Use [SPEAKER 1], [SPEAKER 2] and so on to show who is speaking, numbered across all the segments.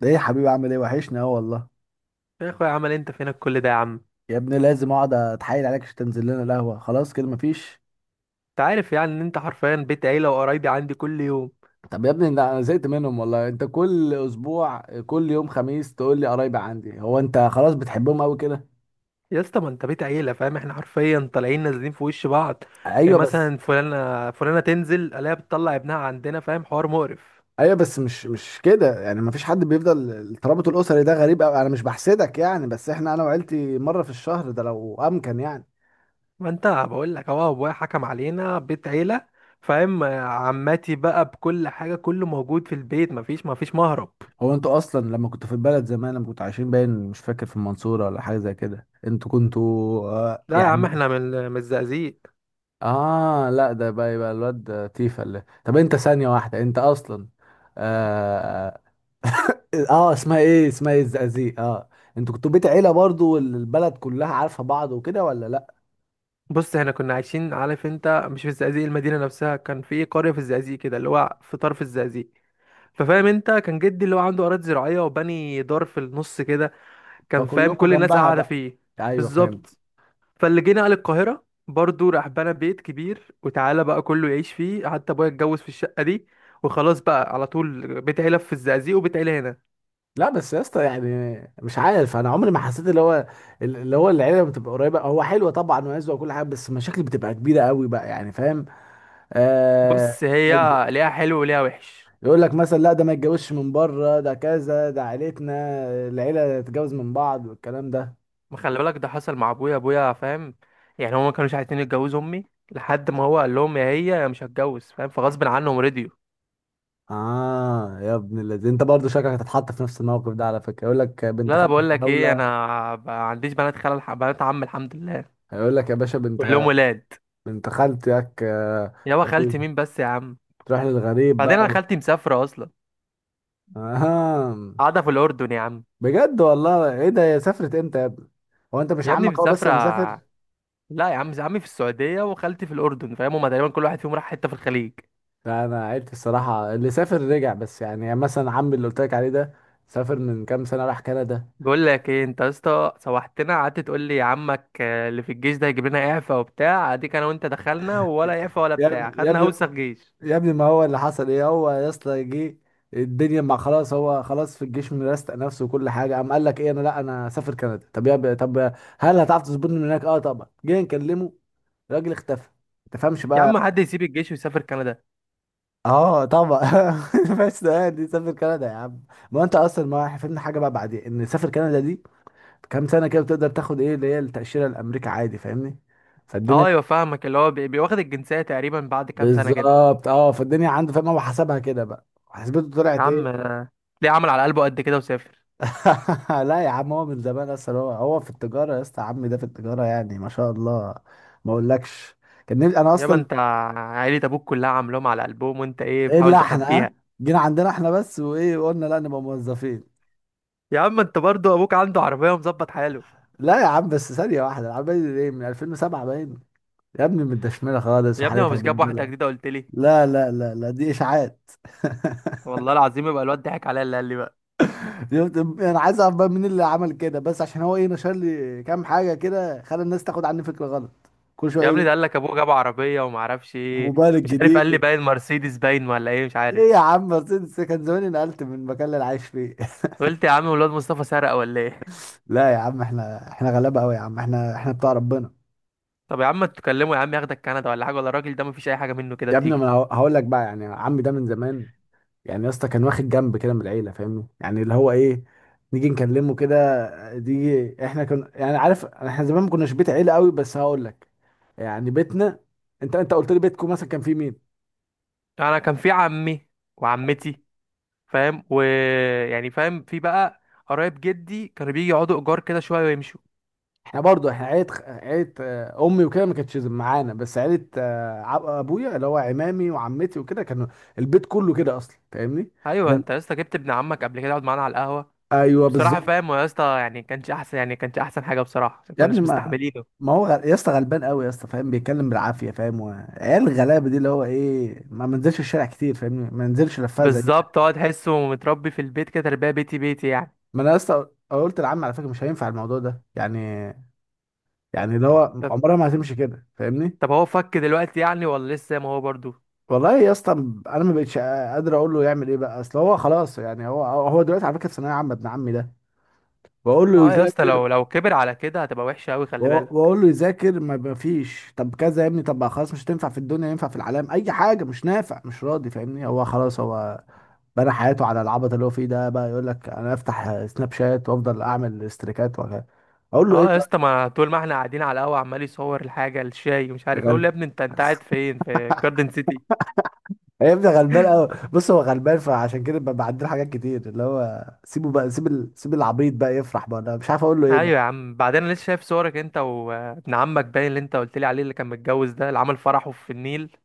[SPEAKER 1] ده ايه يا حبيبي؟ عامل ايه؟ وحشني اهو والله.
[SPEAKER 2] يا اخويا، عمل إيه؟ انت فينك كل ده يا عم؟
[SPEAKER 1] يا ابني لازم اقعد اتحايل عليك عشان تنزل لنا القهوه؟ خلاص كده مفيش.
[SPEAKER 2] انت عارف يعني ان انت حرفيا بيت عيله، وقرايبي عندي كل يوم.
[SPEAKER 1] طب يا ابني ده انا زهقت منهم والله، انت كل اسبوع، كل يوم خميس تقول لي قرايبي عندي. هو انت خلاص بتحبهم قوي كده؟
[SPEAKER 2] يا اسطى، ما انت بيت عيله، فاهم؟ احنا حرفيا طالعين نازلين في وش بعض. إيه
[SPEAKER 1] ايوه بس.
[SPEAKER 2] مثلا؟ فلانه فلانه تنزل الاقيها بتطلع ابنها عندنا، فاهم؟ حوار مقرف.
[SPEAKER 1] ايوه بس مش كده يعني، مفيش حد بيفضل الترابط الاسري، ده غريب قوي. انا مش بحسدك يعني، بس احنا انا وعيلتي مره في الشهر، ده لو امكن يعني.
[SPEAKER 2] ما انت بقول لك اهو، ابويا حكم علينا بيت عيله، فاهم؟ آه، عماتي بقى بكل حاجه، كله موجود في البيت، مفيش مهرب.
[SPEAKER 1] هو انتوا اصلا لما كنتوا في البلد زمان، لما كنتوا عايشين، باين مش فاكر، في المنصوره ولا حاجه زي كده؟ انتوا كنتوا
[SPEAKER 2] لا يا عم،
[SPEAKER 1] يعني.
[SPEAKER 2] احنا من الزقازيق.
[SPEAKER 1] اه لا، ده بقى يبقى الواد ده تيفا اللي... طب انت ثانية واحدة، انت اصلا اه, اسمها ايه اسمها ايه الزقازيق، انتوا كنتوا بيت عيلة برضو والبلد كلها عارفة بعض وكده ولا لا؟
[SPEAKER 2] بص، احنا كنا عايشين، عارف انت، مش في الزقازيق المدينه نفسها، كان في قريه في الزقازيق كده، اللي هو في طرف الزقازيق. ففاهم انت، كان جدي اللي هو عنده اراضي زراعيه، وبني دار في النص كده،
[SPEAKER 1] كلنا،
[SPEAKER 2] كان فاهم؟
[SPEAKER 1] فكلكوا
[SPEAKER 2] كل
[SPEAKER 1] في
[SPEAKER 2] الناس
[SPEAKER 1] جنبها
[SPEAKER 2] قاعده
[SPEAKER 1] بقى.
[SPEAKER 2] فيه.
[SPEAKER 1] ايوه فهمت.
[SPEAKER 2] بالظبط. فاللي جه نقل القاهره برضه راح بنى بيت كبير، وتعالى بقى كله يعيش فيه، حتى ابويا اتجوز في الشقه دي. وخلاص بقى، على طول بيت عيله في الزقازيق وبيت عيله هنا.
[SPEAKER 1] لا بس يا اسطى يعني، مش عارف، انا عمري ما حسيت اللي هو العيله بتبقى قريبه. هو حلوه طبعا وعزوه وكل حاجه، بس المشاكل بتبقى كبيره قوي بقى يعني، فاهم؟ آه.
[SPEAKER 2] بص، هي ليها حلو وليها وحش.
[SPEAKER 1] يقول لك مثلا لا، ده ما يتجوزش من بره، ده كذا، ده عيلتنا، العيله تتجوز من بعض والكلام ده.
[SPEAKER 2] ما خلي بالك، ده حصل مع ابويا، ابويا فاهم. يعني هما ما كانوش عايزين يتجوزوا امي، لحد ما هو قال لهم يا هي يا مش هتجوز، فاهم؟ فغصب عنهم رضيوا.
[SPEAKER 1] اه يا ابن الذين، انت برضه شكلك هتتحط في نفس الموقف ده على فكره. يقول لك
[SPEAKER 2] لا،
[SPEAKER 1] بنت
[SPEAKER 2] لا،
[SPEAKER 1] خالتك
[SPEAKER 2] بقول لك ايه،
[SPEAKER 1] دوله.
[SPEAKER 2] انا ما عنديش بنات خال، بنات عم، الحمد لله.
[SPEAKER 1] هيقول لك يا باشا بنت،
[SPEAKER 2] كلهم ولاد.
[SPEAKER 1] بنت خالتك،
[SPEAKER 2] يابا، خالتي مين بس يا عم؟
[SPEAKER 1] تروح للغريب
[SPEAKER 2] بعدين
[SPEAKER 1] بقى.
[SPEAKER 2] انا خالتي مسافره اصلا،
[SPEAKER 1] اه،
[SPEAKER 2] قاعده في الاردن يا عم.
[SPEAKER 1] بجد والله؟ ايه ده؟ هي سافرت امتى يا ابني؟ هو انت مش
[SPEAKER 2] يا ابني
[SPEAKER 1] عمك هو بس
[SPEAKER 2] مسافره.
[SPEAKER 1] اللي مسافر؟
[SPEAKER 2] لا يا عم، عمي في السعوديه وخالتي في الاردن، فاهم؟ هما تقريبا كل واحد فيهم راح حته في الخليج.
[SPEAKER 1] لا انا عيلتي الصراحه اللي سافر رجع، بس يعني مثلا عمي اللي قلت لك عليه ده سافر من كام سنه راح كندا.
[SPEAKER 2] بقول لك ايه انت يا اسطى، سوحتنا قعدت تقول لي عمك آه، اللي في الجيش ده هيجيب لنا اعفاء وبتاع، اديك انا وانت دخلنا، ولا اعفاء ولا
[SPEAKER 1] يا
[SPEAKER 2] بتاع،
[SPEAKER 1] ابني يا
[SPEAKER 2] خدنا
[SPEAKER 1] ابني
[SPEAKER 2] اوسخ جيش.
[SPEAKER 1] يا ابني، ما هو اللي حصل ايه؟ هو يا اسطى جه الدنيا ما خلاص، هو خلاص في الجيش مرستق نفسه وكل حاجه، قام قال لك ايه؟ انا لا، انا سافر كندا. طب هل هتعرف تظبطني من هناك؟ اه طبعا. جه نكلمه، الراجل اختفى. ما تفهمش
[SPEAKER 2] يا عم،
[SPEAKER 1] بقى.
[SPEAKER 2] حد يسيب الجيش ويسافر كندا؟
[SPEAKER 1] اه طبعا. بس ده، دي سافر كندا يا عم. ما هو انت اصلا ما فهمنا حاجه بقى، بعدين ان سافر كندا دي كام سنه كده، بتقدر تاخد ايه اللي هي التاشيره الامريكا عادي، فاهمني؟
[SPEAKER 2] اه،
[SPEAKER 1] فالدنيا...
[SPEAKER 2] ايوه فاهمك، اللي هو بيواخد الجنسيه تقريبا بعد كام سنه كده.
[SPEAKER 1] بالظبط. اه فالدنيا عنده، فاهم؟ هو حسبها كده بقى، حسبته
[SPEAKER 2] يا
[SPEAKER 1] طلعت ايه؟
[SPEAKER 2] عم، ليه عمل على قلبه قد كده وسافر؟
[SPEAKER 1] لا يا عم، هو من زمان اصلا، هو في التجاره. يا اسطى عمي ده في التجاره يعني ما شاء الله. ما اقولكش كان نفسي- انا
[SPEAKER 2] يابا،
[SPEAKER 1] اصلا...
[SPEAKER 2] انت عيلة ابوك كلها عاملاهم على قلبهم، وانت ايه
[SPEAKER 1] ايه اللي
[SPEAKER 2] بتحاول
[SPEAKER 1] احنا
[SPEAKER 2] تخبيها؟
[SPEAKER 1] جينا عندنا احنا بس، وايه، وقلنا لا نبقى موظفين.
[SPEAKER 2] يا عم، انت برضو ابوك عنده عربية ومظبط حاله.
[SPEAKER 1] لا يا عم، بس ثانيه واحده، العمال ايه من 2007 باين، يا ابني متدشمله خالص
[SPEAKER 2] يا ابني، هو
[SPEAKER 1] وحالتها
[SPEAKER 2] مش جاب واحدة
[SPEAKER 1] بالبلة.
[SPEAKER 2] جديدة قلت لي؟
[SPEAKER 1] لا لا لا لا، دي اشاعات.
[SPEAKER 2] والله العظيم، يبقى الواد ضحك عليا اللي قال لي بقى.
[SPEAKER 1] شفت؟ انا عايز اعرف بقى مين اللي عمل كده بس، عشان هو ايه نشر لي كام حاجه كده خلى الناس تاخد عني فكره غلط كل شويه.
[SPEAKER 2] يا
[SPEAKER 1] يجي
[SPEAKER 2] ابني، ده قال لك ابوه جاب عربية وما اعرفش ايه.
[SPEAKER 1] موبايل
[SPEAKER 2] مش عارف، قال لي
[SPEAKER 1] الجديد.
[SPEAKER 2] باين مرسيدس باين ولا ايه، مش عارف.
[SPEAKER 1] ايه يا عم مرسيدس؟ كان زماني نقلت من المكان اللي انا عايش فيه.
[SPEAKER 2] قلت يا عم، الواد مصطفى سرق ولا ايه؟
[SPEAKER 1] لا يا عم، احنا غلابه قوي يا عم، احنا بتاع ربنا.
[SPEAKER 2] طب يا عم، ما تكلمه يا عم، ياخدك كندا ولا حاجة، ولا الراجل ده مفيش اي حاجة منه كده
[SPEAKER 1] يا ابني ما
[SPEAKER 2] بتيجي؟
[SPEAKER 1] انا هقول لك بقى يعني، عمي ده من زمان يعني يا اسطى كان واخد جنب كده من العيله، فاهمني؟ يعني اللي هو ايه نيجي نكلمه كده. دي احنا كنا يعني، عارف، احنا زمان ما كناش بيت عيله قوي، بس هقول لك يعني بيتنا... انت قلت لي بيتكم مثلا كان فيه مين؟
[SPEAKER 2] انا كان في عمي وعمتي، فاهم؟ ويعني، فاهم، في بقى قرايب جدي كانوا بيجي يقعدوا ايجار كده شويه ويمشوا.
[SPEAKER 1] احنا برضو احنا عيلة عيلة، امي وكده ما كانتش معانا، بس عيلة ابويا اللي هو عمامي وعمتي وكده كانوا البيت كله كده اصلا، فاهمني؟
[SPEAKER 2] ايوه،
[SPEAKER 1] زي،
[SPEAKER 2] انت يا اسطى جبت ابن عمك قبل كده يقعد معانا على القهوه.
[SPEAKER 1] ايوه
[SPEAKER 2] وبصراحه
[SPEAKER 1] بالظبط.
[SPEAKER 2] فاهم هو يا اسطى، يعني كانش احسن، يعني كانش احسن حاجه بصراحه، عشان
[SPEAKER 1] يا ابني،
[SPEAKER 2] كناش
[SPEAKER 1] ما
[SPEAKER 2] مستحملينه.
[SPEAKER 1] ما هو يا اسطى غلبان قوي يا اسطى، فاهم؟ بيتكلم بالعافيه فاهم عيال الغلابه دي اللي هو ايه، ما منزلش الشارع كتير فاهمني، ما منزلش لفها زينا.
[SPEAKER 2] بالظبط، هو تحسه متربي في البيت كده، تربيه بيتي بيتي يعني.
[SPEAKER 1] ما انا يا اسطى قلت لعمي على فكره مش هينفع الموضوع ده يعني، يعني اللي هو
[SPEAKER 2] طب،
[SPEAKER 1] عمرها ما هتمشي كده فاهمني.
[SPEAKER 2] طب، هو فك دلوقتي يعني ولا لسه زي ما هو برضو؟
[SPEAKER 1] والله يا اسطى، انا ما بقتش قادر اقول له يعمل ايه بقى، اصل هو خلاص يعني، هو دلوقتي على فكره في ثانويه عامه ابن عمي ده. بقول له
[SPEAKER 2] اه يا اسطى،
[SPEAKER 1] يذاكر،
[SPEAKER 2] لو كبر على كده هتبقى وحشه قوي،
[SPEAKER 1] وأ-
[SPEAKER 2] خلي بالك.
[SPEAKER 1] واقول له يذاكر، ما فيش. طب كذا يا ابني؟ طب خلاص، مش هتنفع في الدنيا، ينفع في العالم اي حاجه، مش نافع، مش راضي، فاهمني؟ هو خلاص هو بنى حياته على العبط اللي هو فيه ده بقى، يقول لك انا افتح سناب شات وافضل اعمل استريكات وكذا. اقول له ايه
[SPEAKER 2] اه يا
[SPEAKER 1] طيب؟
[SPEAKER 2] اسطى، ما طول ما احنا قاعدين على القهوه عمال يصور الحاجه الشاي ومش
[SPEAKER 1] يا
[SPEAKER 2] عارف إيه. اقول له
[SPEAKER 1] غلبان،
[SPEAKER 2] يا ابني، انت قاعد فين؟ في جاردن سيتي؟
[SPEAKER 1] يا ابني غلبان قوي. بص هو غلبان، فعشان كده بعدله حاجات كتير، اللي هو سيبه بقى، سيب العبيط بقى يفرح بقى. انا مش عارف اقول له ايه.
[SPEAKER 2] ايوه يا عم، بعدين انا لسه شايف صورك انت وابن عمك باين، اللي انت قلت لي عليه، اللي كان متجوز ده، اللي عمل فرحه في النيل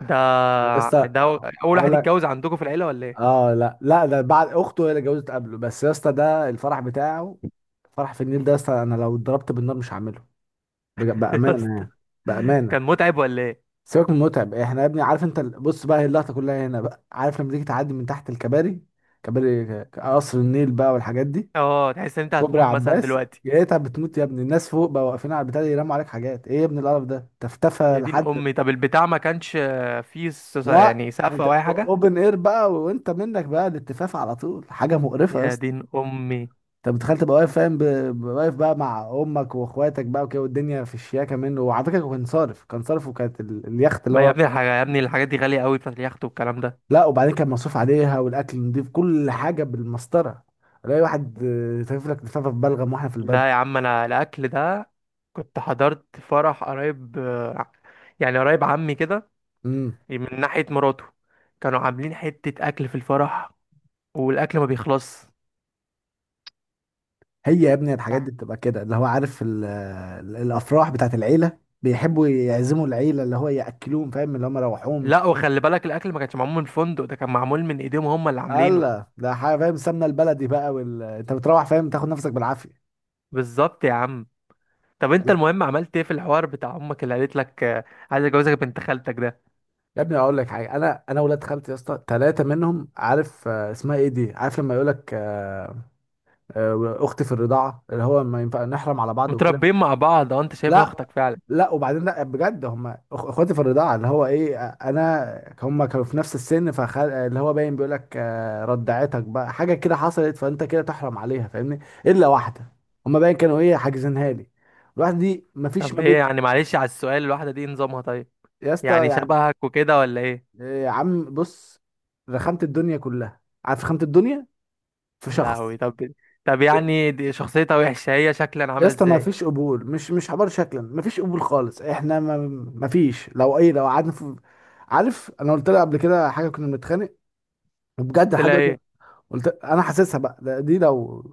[SPEAKER 2] ده
[SPEAKER 1] يا اسطى
[SPEAKER 2] ده اول
[SPEAKER 1] اقول
[SPEAKER 2] واحد يتجوز
[SPEAKER 1] لك،
[SPEAKER 2] عندكم في العيله ولا ايه؟
[SPEAKER 1] اه لا لا، ده بعد اخته هي اللي اتجوزت قبله، بس يا اسطى ده الفرح بتاعه فرح في النيل ده، يا اسطى انا لو اتضربت بالنار مش هعمله. بج-
[SPEAKER 2] يا
[SPEAKER 1] بامانه
[SPEAKER 2] اسطى،
[SPEAKER 1] يعني، بامانه.
[SPEAKER 2] كان متعب ولا ايه؟
[SPEAKER 1] سيبك من متعب، احنا يا ابني عارف انت بص بقى، هي اللقطه كلها هنا بقى، عارف لما تيجي تعدي من تحت الكباري، كباري قصر النيل بقى والحاجات دي،
[SPEAKER 2] اه، تحس ان انت
[SPEAKER 1] كوبري
[SPEAKER 2] هتموت مثلا
[SPEAKER 1] عباس،
[SPEAKER 2] دلوقتي.
[SPEAKER 1] لقيتها بتموت يا ابني. الناس فوق بقى واقفين على البتاع ده يرموا عليك حاجات، ايه يا ابني القرف ده؟ تفتفى
[SPEAKER 2] يا دين
[SPEAKER 1] لحد...
[SPEAKER 2] امي، طب البتاع ما كانش فيه
[SPEAKER 1] لا،
[SPEAKER 2] يعني سقف
[SPEAKER 1] انت
[SPEAKER 2] او اي حاجه؟
[SPEAKER 1] اوبن اير بقى، وانت منك بقى الاتفاف على طول، حاجه مقرفه يا
[SPEAKER 2] يا
[SPEAKER 1] اسطى.
[SPEAKER 2] دين امي.
[SPEAKER 1] انت متخيل تبقى واقف فاهم واقف بقى مع امك واخواتك بقى وكده، والدنيا في الشياكه منه. وعلى فكره كان صارف وكانت اليخت اللي
[SPEAKER 2] ما يا
[SPEAKER 1] هو...
[SPEAKER 2] ابني، يا ابني الحاجات دي غاليه قوي، بتاعت اليخت والكلام ده.
[SPEAKER 1] لا وبعدين كان مصروف عليها والاكل نضيف، كل حاجه بالمسطره. الاقي واحد تلف لك لفافه في بلغم واحنا في الباب.
[SPEAKER 2] لا يا عم، انا الاكل ده، كنت حضرت فرح قريب، يعني قريب عمي كده،
[SPEAKER 1] امم
[SPEAKER 2] من ناحية مراته، كانوا عاملين حتة أكل في الفرح، والأكل ما بيخلص.
[SPEAKER 1] هي يا ابني الحاجات دي بتبقى كده، اللي هو عارف الافراح بتاعت العيله، بيحبوا يعزموا العيله اللي هو ياكلوهم، فاهم؟ اللي هم روحوهم.
[SPEAKER 2] لا، وخلي بالك، الأكل ما كانش معمول من الفندق، ده كان معمول من إيديهم، هم اللي عاملينه.
[SPEAKER 1] هلا، ده حاجه فاهم، سمنه البلدي بقى انت بتروح فاهم تاخد نفسك بالعافيه.
[SPEAKER 2] بالظبط يا عم. طب أنت المهم، عملت إيه في الحوار بتاع أمك اللي قالت لك آه، عايز أجوزك بنت خالتك ده؟
[SPEAKER 1] يا ابني اقول لك حاجه، انا ولاد خالتي يا اسطى 3 منهم، عارف آه، اسمها ايه دي، عارف لما يقول لك اختي في الرضاعه اللي هو ما ينفع نحرم على بعض وكده.
[SPEAKER 2] متربيين مع بعض، أه، أنت شايفها
[SPEAKER 1] لا،
[SPEAKER 2] أختك فعلا؟
[SPEAKER 1] لا وبعدين، لا بجد هم اخواتي في الرضاعه اللي هو ايه، انا هم كانوا في نفس السن، فخل... آه، اللي هو باين بيقول لك ردعتك بقى حاجه كده حصلت فانت كده تحرم عليها، فاهمني؟ الا واحده، هم باين كانوا ايه حاجزينها لي. الواحده دي مفيش
[SPEAKER 2] طب
[SPEAKER 1] ما
[SPEAKER 2] هي
[SPEAKER 1] بين.
[SPEAKER 2] يعني، معلش على السؤال، الواحدة دي إيه نظامها؟ طيب،
[SPEAKER 1] يا اسطى
[SPEAKER 2] يعني
[SPEAKER 1] يعني،
[SPEAKER 2] شبهك وكده ولا إيه؟
[SPEAKER 1] إيه يا عم؟ بص، رخمت الدنيا كلها عارف، رخمت الدنيا في
[SPEAKER 2] يا لهوي.
[SPEAKER 1] شخص.
[SPEAKER 2] طب، طب، يعني دي شخصيتها وحشة، هي شكلا
[SPEAKER 1] يا
[SPEAKER 2] عاملة
[SPEAKER 1] اسطى ما
[SPEAKER 2] إزاي؟
[SPEAKER 1] فيش قبول، مش حوار. شكلا ما فيش قبول خالص، احنا ما فيش. لو ايه، لو قعدنا في... عارف انا قلت لها قبل كده حاجه كنا بنتخانق، وبجد
[SPEAKER 2] قلت
[SPEAKER 1] لحد
[SPEAKER 2] لها
[SPEAKER 1] دلوقتي.
[SPEAKER 2] إيه؟
[SPEAKER 1] قلت انا حاسسها بقى، لا دي لو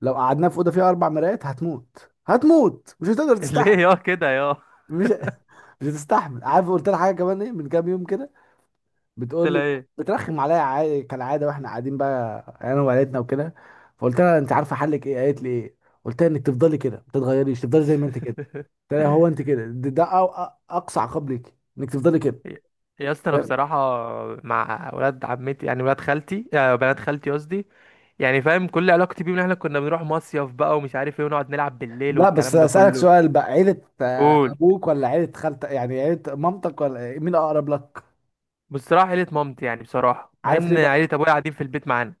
[SPEAKER 1] لو قعدنا في اوضه فيها 4 مرايات هتموت، هتموت، مش هتقدر
[SPEAKER 2] ليه
[SPEAKER 1] تستحمل،
[SPEAKER 2] يا كده؟ يا، قلت
[SPEAKER 1] مش مش هتستحمل. عارف قلت لها حاجه كمان ايه من كام يوم كده، بتقول
[SPEAKER 2] لها
[SPEAKER 1] لي...
[SPEAKER 2] إيه؟
[SPEAKER 1] بترخم عليا عادي كالعاده واحنا قاعدين بقى انا وعيلتنا وكده. فقلت لها انت عارفه حلك ايه؟ قالت لي ايه؟ قلت لها انك تفضلي كده ما تتغيريش، تفضلي زي ما انت كده. قلت لها هو انت كده، ده اقصى عقاب ليك انك تفضلي كده.
[SPEAKER 2] يا اسطى، انا
[SPEAKER 1] طيب.
[SPEAKER 2] بصراحه مع ولاد عمتي، يعني ولاد خالتي آه، بنات خالتي قصدي، يعني فاهم، كل علاقتي بيهم ان احنا كنا بنروح مصيف بقى ومش عارف ايه، ونقعد نلعب بالليل
[SPEAKER 1] لا بس
[SPEAKER 2] والكلام ده
[SPEAKER 1] اسالك
[SPEAKER 2] كله.
[SPEAKER 1] سؤال بقى، عيله
[SPEAKER 2] قول.
[SPEAKER 1] ابوك ولا عيله خالتك؟ يعني عيله مامتك ولا مين اقرب لك؟
[SPEAKER 2] بصراحه عيله مامتي، يعني بصراحه، مع
[SPEAKER 1] عارف ليه
[SPEAKER 2] ان
[SPEAKER 1] بقى؟
[SPEAKER 2] عيله ابويا قاعدين في البيت معانا.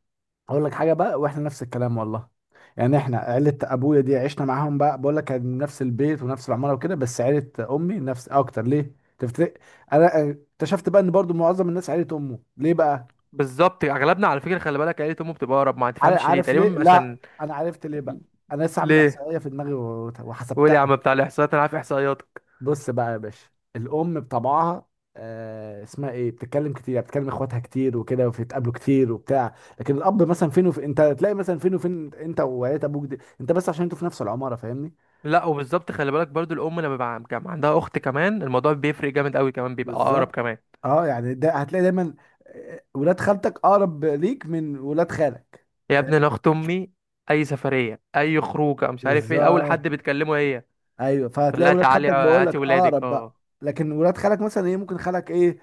[SPEAKER 1] اقول لك حاجه بقى، واحنا نفس الكلام والله. يعني احنا عيله ابويا دي عشنا معاهم بقى، بقول لك كان نفس البيت ونفس العماره وكده، بس عيله امي نفس اكتر، ليه تفتكر؟ انا اكتشفت بقى ان برضو معظم الناس عيله امه، ليه بقى؟
[SPEAKER 2] بالظبط، اغلبنا على فكره، خلي بالك، عيله امه بتبقى اقرب، ما
[SPEAKER 1] عار-
[SPEAKER 2] تفهمش ليه
[SPEAKER 1] عارف ليه؟
[SPEAKER 2] تقريبا،
[SPEAKER 1] لا،
[SPEAKER 2] عشان
[SPEAKER 1] انا عرفت ليه بقى. انا لسه عامل
[SPEAKER 2] ليه؟
[SPEAKER 1] احصائيه في دماغي و-
[SPEAKER 2] قول يا
[SPEAKER 1] وحسبتها
[SPEAKER 2] عم بتاع الاحصائيات، انا عارف احصائياتك.
[SPEAKER 1] بص بقى يا باشا، الام بطبعها آه اسمها ايه بتتكلم كتير، يعني بتتكلم اخواتها كتير وكده وبتتقابلوا كتير وبتاع. لكن الاب مثلا فين وفين، انت تلاقي مثلا فين وفين انت وعيلة ابوك دي، انت بس عشان انتوا في نفس العماره، فاهمني؟
[SPEAKER 2] لا، وبالظبط، خلي بالك برضو، الام لما بيبقى كان عندها اخت كمان، الموضوع بيفرق جامد قوي كمان، بيبقى اقرب
[SPEAKER 1] بالظبط.
[SPEAKER 2] كمان.
[SPEAKER 1] اه يعني ده هتلاقي دايما ولاد خالتك اقرب ليك من ولاد خالك.
[SPEAKER 2] يا
[SPEAKER 1] فاهم
[SPEAKER 2] ابني، انا اخت امي، اي سفريه، اي خروجه، مش عارف ايه، اول حد
[SPEAKER 1] بالظبط.
[SPEAKER 2] بتكلمه هي.
[SPEAKER 1] ايوه،
[SPEAKER 2] تقول
[SPEAKER 1] فهتلاقي
[SPEAKER 2] لها
[SPEAKER 1] ولاد
[SPEAKER 2] تعالي
[SPEAKER 1] خالتك بقول
[SPEAKER 2] هاتي
[SPEAKER 1] لك
[SPEAKER 2] ولادك،
[SPEAKER 1] اقرب بقى.
[SPEAKER 2] اه.
[SPEAKER 1] لكن ولاد خالك مثلا ايه، ممكن خالك ايه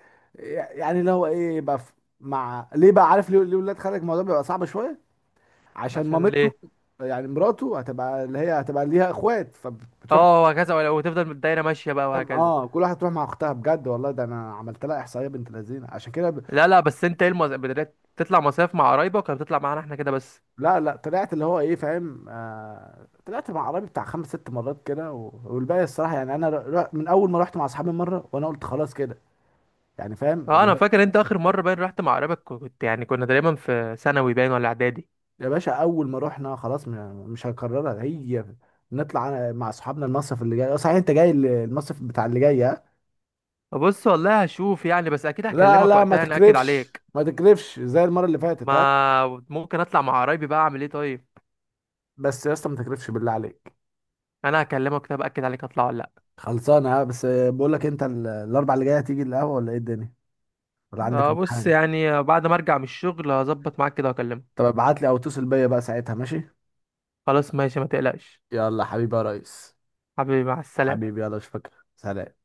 [SPEAKER 1] يعني، اللي هو ايه يبقى مع ليه بقى؟ عارف ليه؟ ليه ولاد خالك الموضوع بيبقى صعب شويه؟ عشان
[SPEAKER 2] عشان
[SPEAKER 1] مامته
[SPEAKER 2] ليه؟
[SPEAKER 1] يعني، مراته هتبقى اللي هي هتبقى ليها اخوات فبتروح،
[SPEAKER 2] اه، وهكذا، وتفضل الدايره ماشيه بقى، وهكذا.
[SPEAKER 1] اه كل واحد تروح مع اختها. بجد والله، ده انا عملت لها احصائيه بنت لذينه عشان كده ب...
[SPEAKER 2] لا، لا، بس انت ايه؟ بدأت تطلع مصايف مع قرايبك ولا بتطلع معانا احنا كده بس؟
[SPEAKER 1] لا لا، طلعت اللي هو ايه فاهم، طلعت مع عربي بتاع 5-6 مرات كده والباقي الصراحه يعني انا من اول ما رحت مع اصحابي مره، وانا قلت خلاص كده يعني، فاهم
[SPEAKER 2] اه،
[SPEAKER 1] اللي
[SPEAKER 2] انا
[SPEAKER 1] هو...
[SPEAKER 2] فاكر انت اخر مره باين رحت مع قرايبك، يعني كنا تقريبا في ثانوي باين ولا اعدادي؟
[SPEAKER 1] يا باشا اول ما رحنا خلاص، مش هنكررها، هي نطلع مع اصحابنا المصيف اللي جاي. صحيح، انت جاي المصيف بتاع اللي جاي؟
[SPEAKER 2] بص، والله هشوف يعني، بس اكيد
[SPEAKER 1] لا
[SPEAKER 2] هكلمك
[SPEAKER 1] لا، ما
[SPEAKER 2] وقتها، يعني اكد
[SPEAKER 1] تكرفش
[SPEAKER 2] عليك.
[SPEAKER 1] ما تكرفش زي المره اللي فاتت ها.
[SPEAKER 2] ما ممكن اطلع مع قرايبي بقى، اعمل ايه طيب؟
[SPEAKER 1] بس يا اسطى ما تكرفش بالله عليك.
[SPEAKER 2] انا هكلمك. طب اكد عليك، اطلع ولا؟
[SPEAKER 1] خلصانه ها. بس بقول لك، انت الاربع اللي جايه هتيجي القهوه ولا ايه الدنيا؟ ولا عندك
[SPEAKER 2] آه، بص
[SPEAKER 1] امتحان؟
[SPEAKER 2] يعني، بعد ما ارجع من الشغل هظبط معاك كده واكلمك.
[SPEAKER 1] طب ابعت لي او اتصل بيا بقى ساعتها ماشي.
[SPEAKER 2] خلاص، ماشي، ما تقلقش.
[SPEAKER 1] يلا حبيبي يا ريس.
[SPEAKER 2] حبيبي، مع السلامة.
[SPEAKER 1] حبيبي يلا اشوفك. سلام.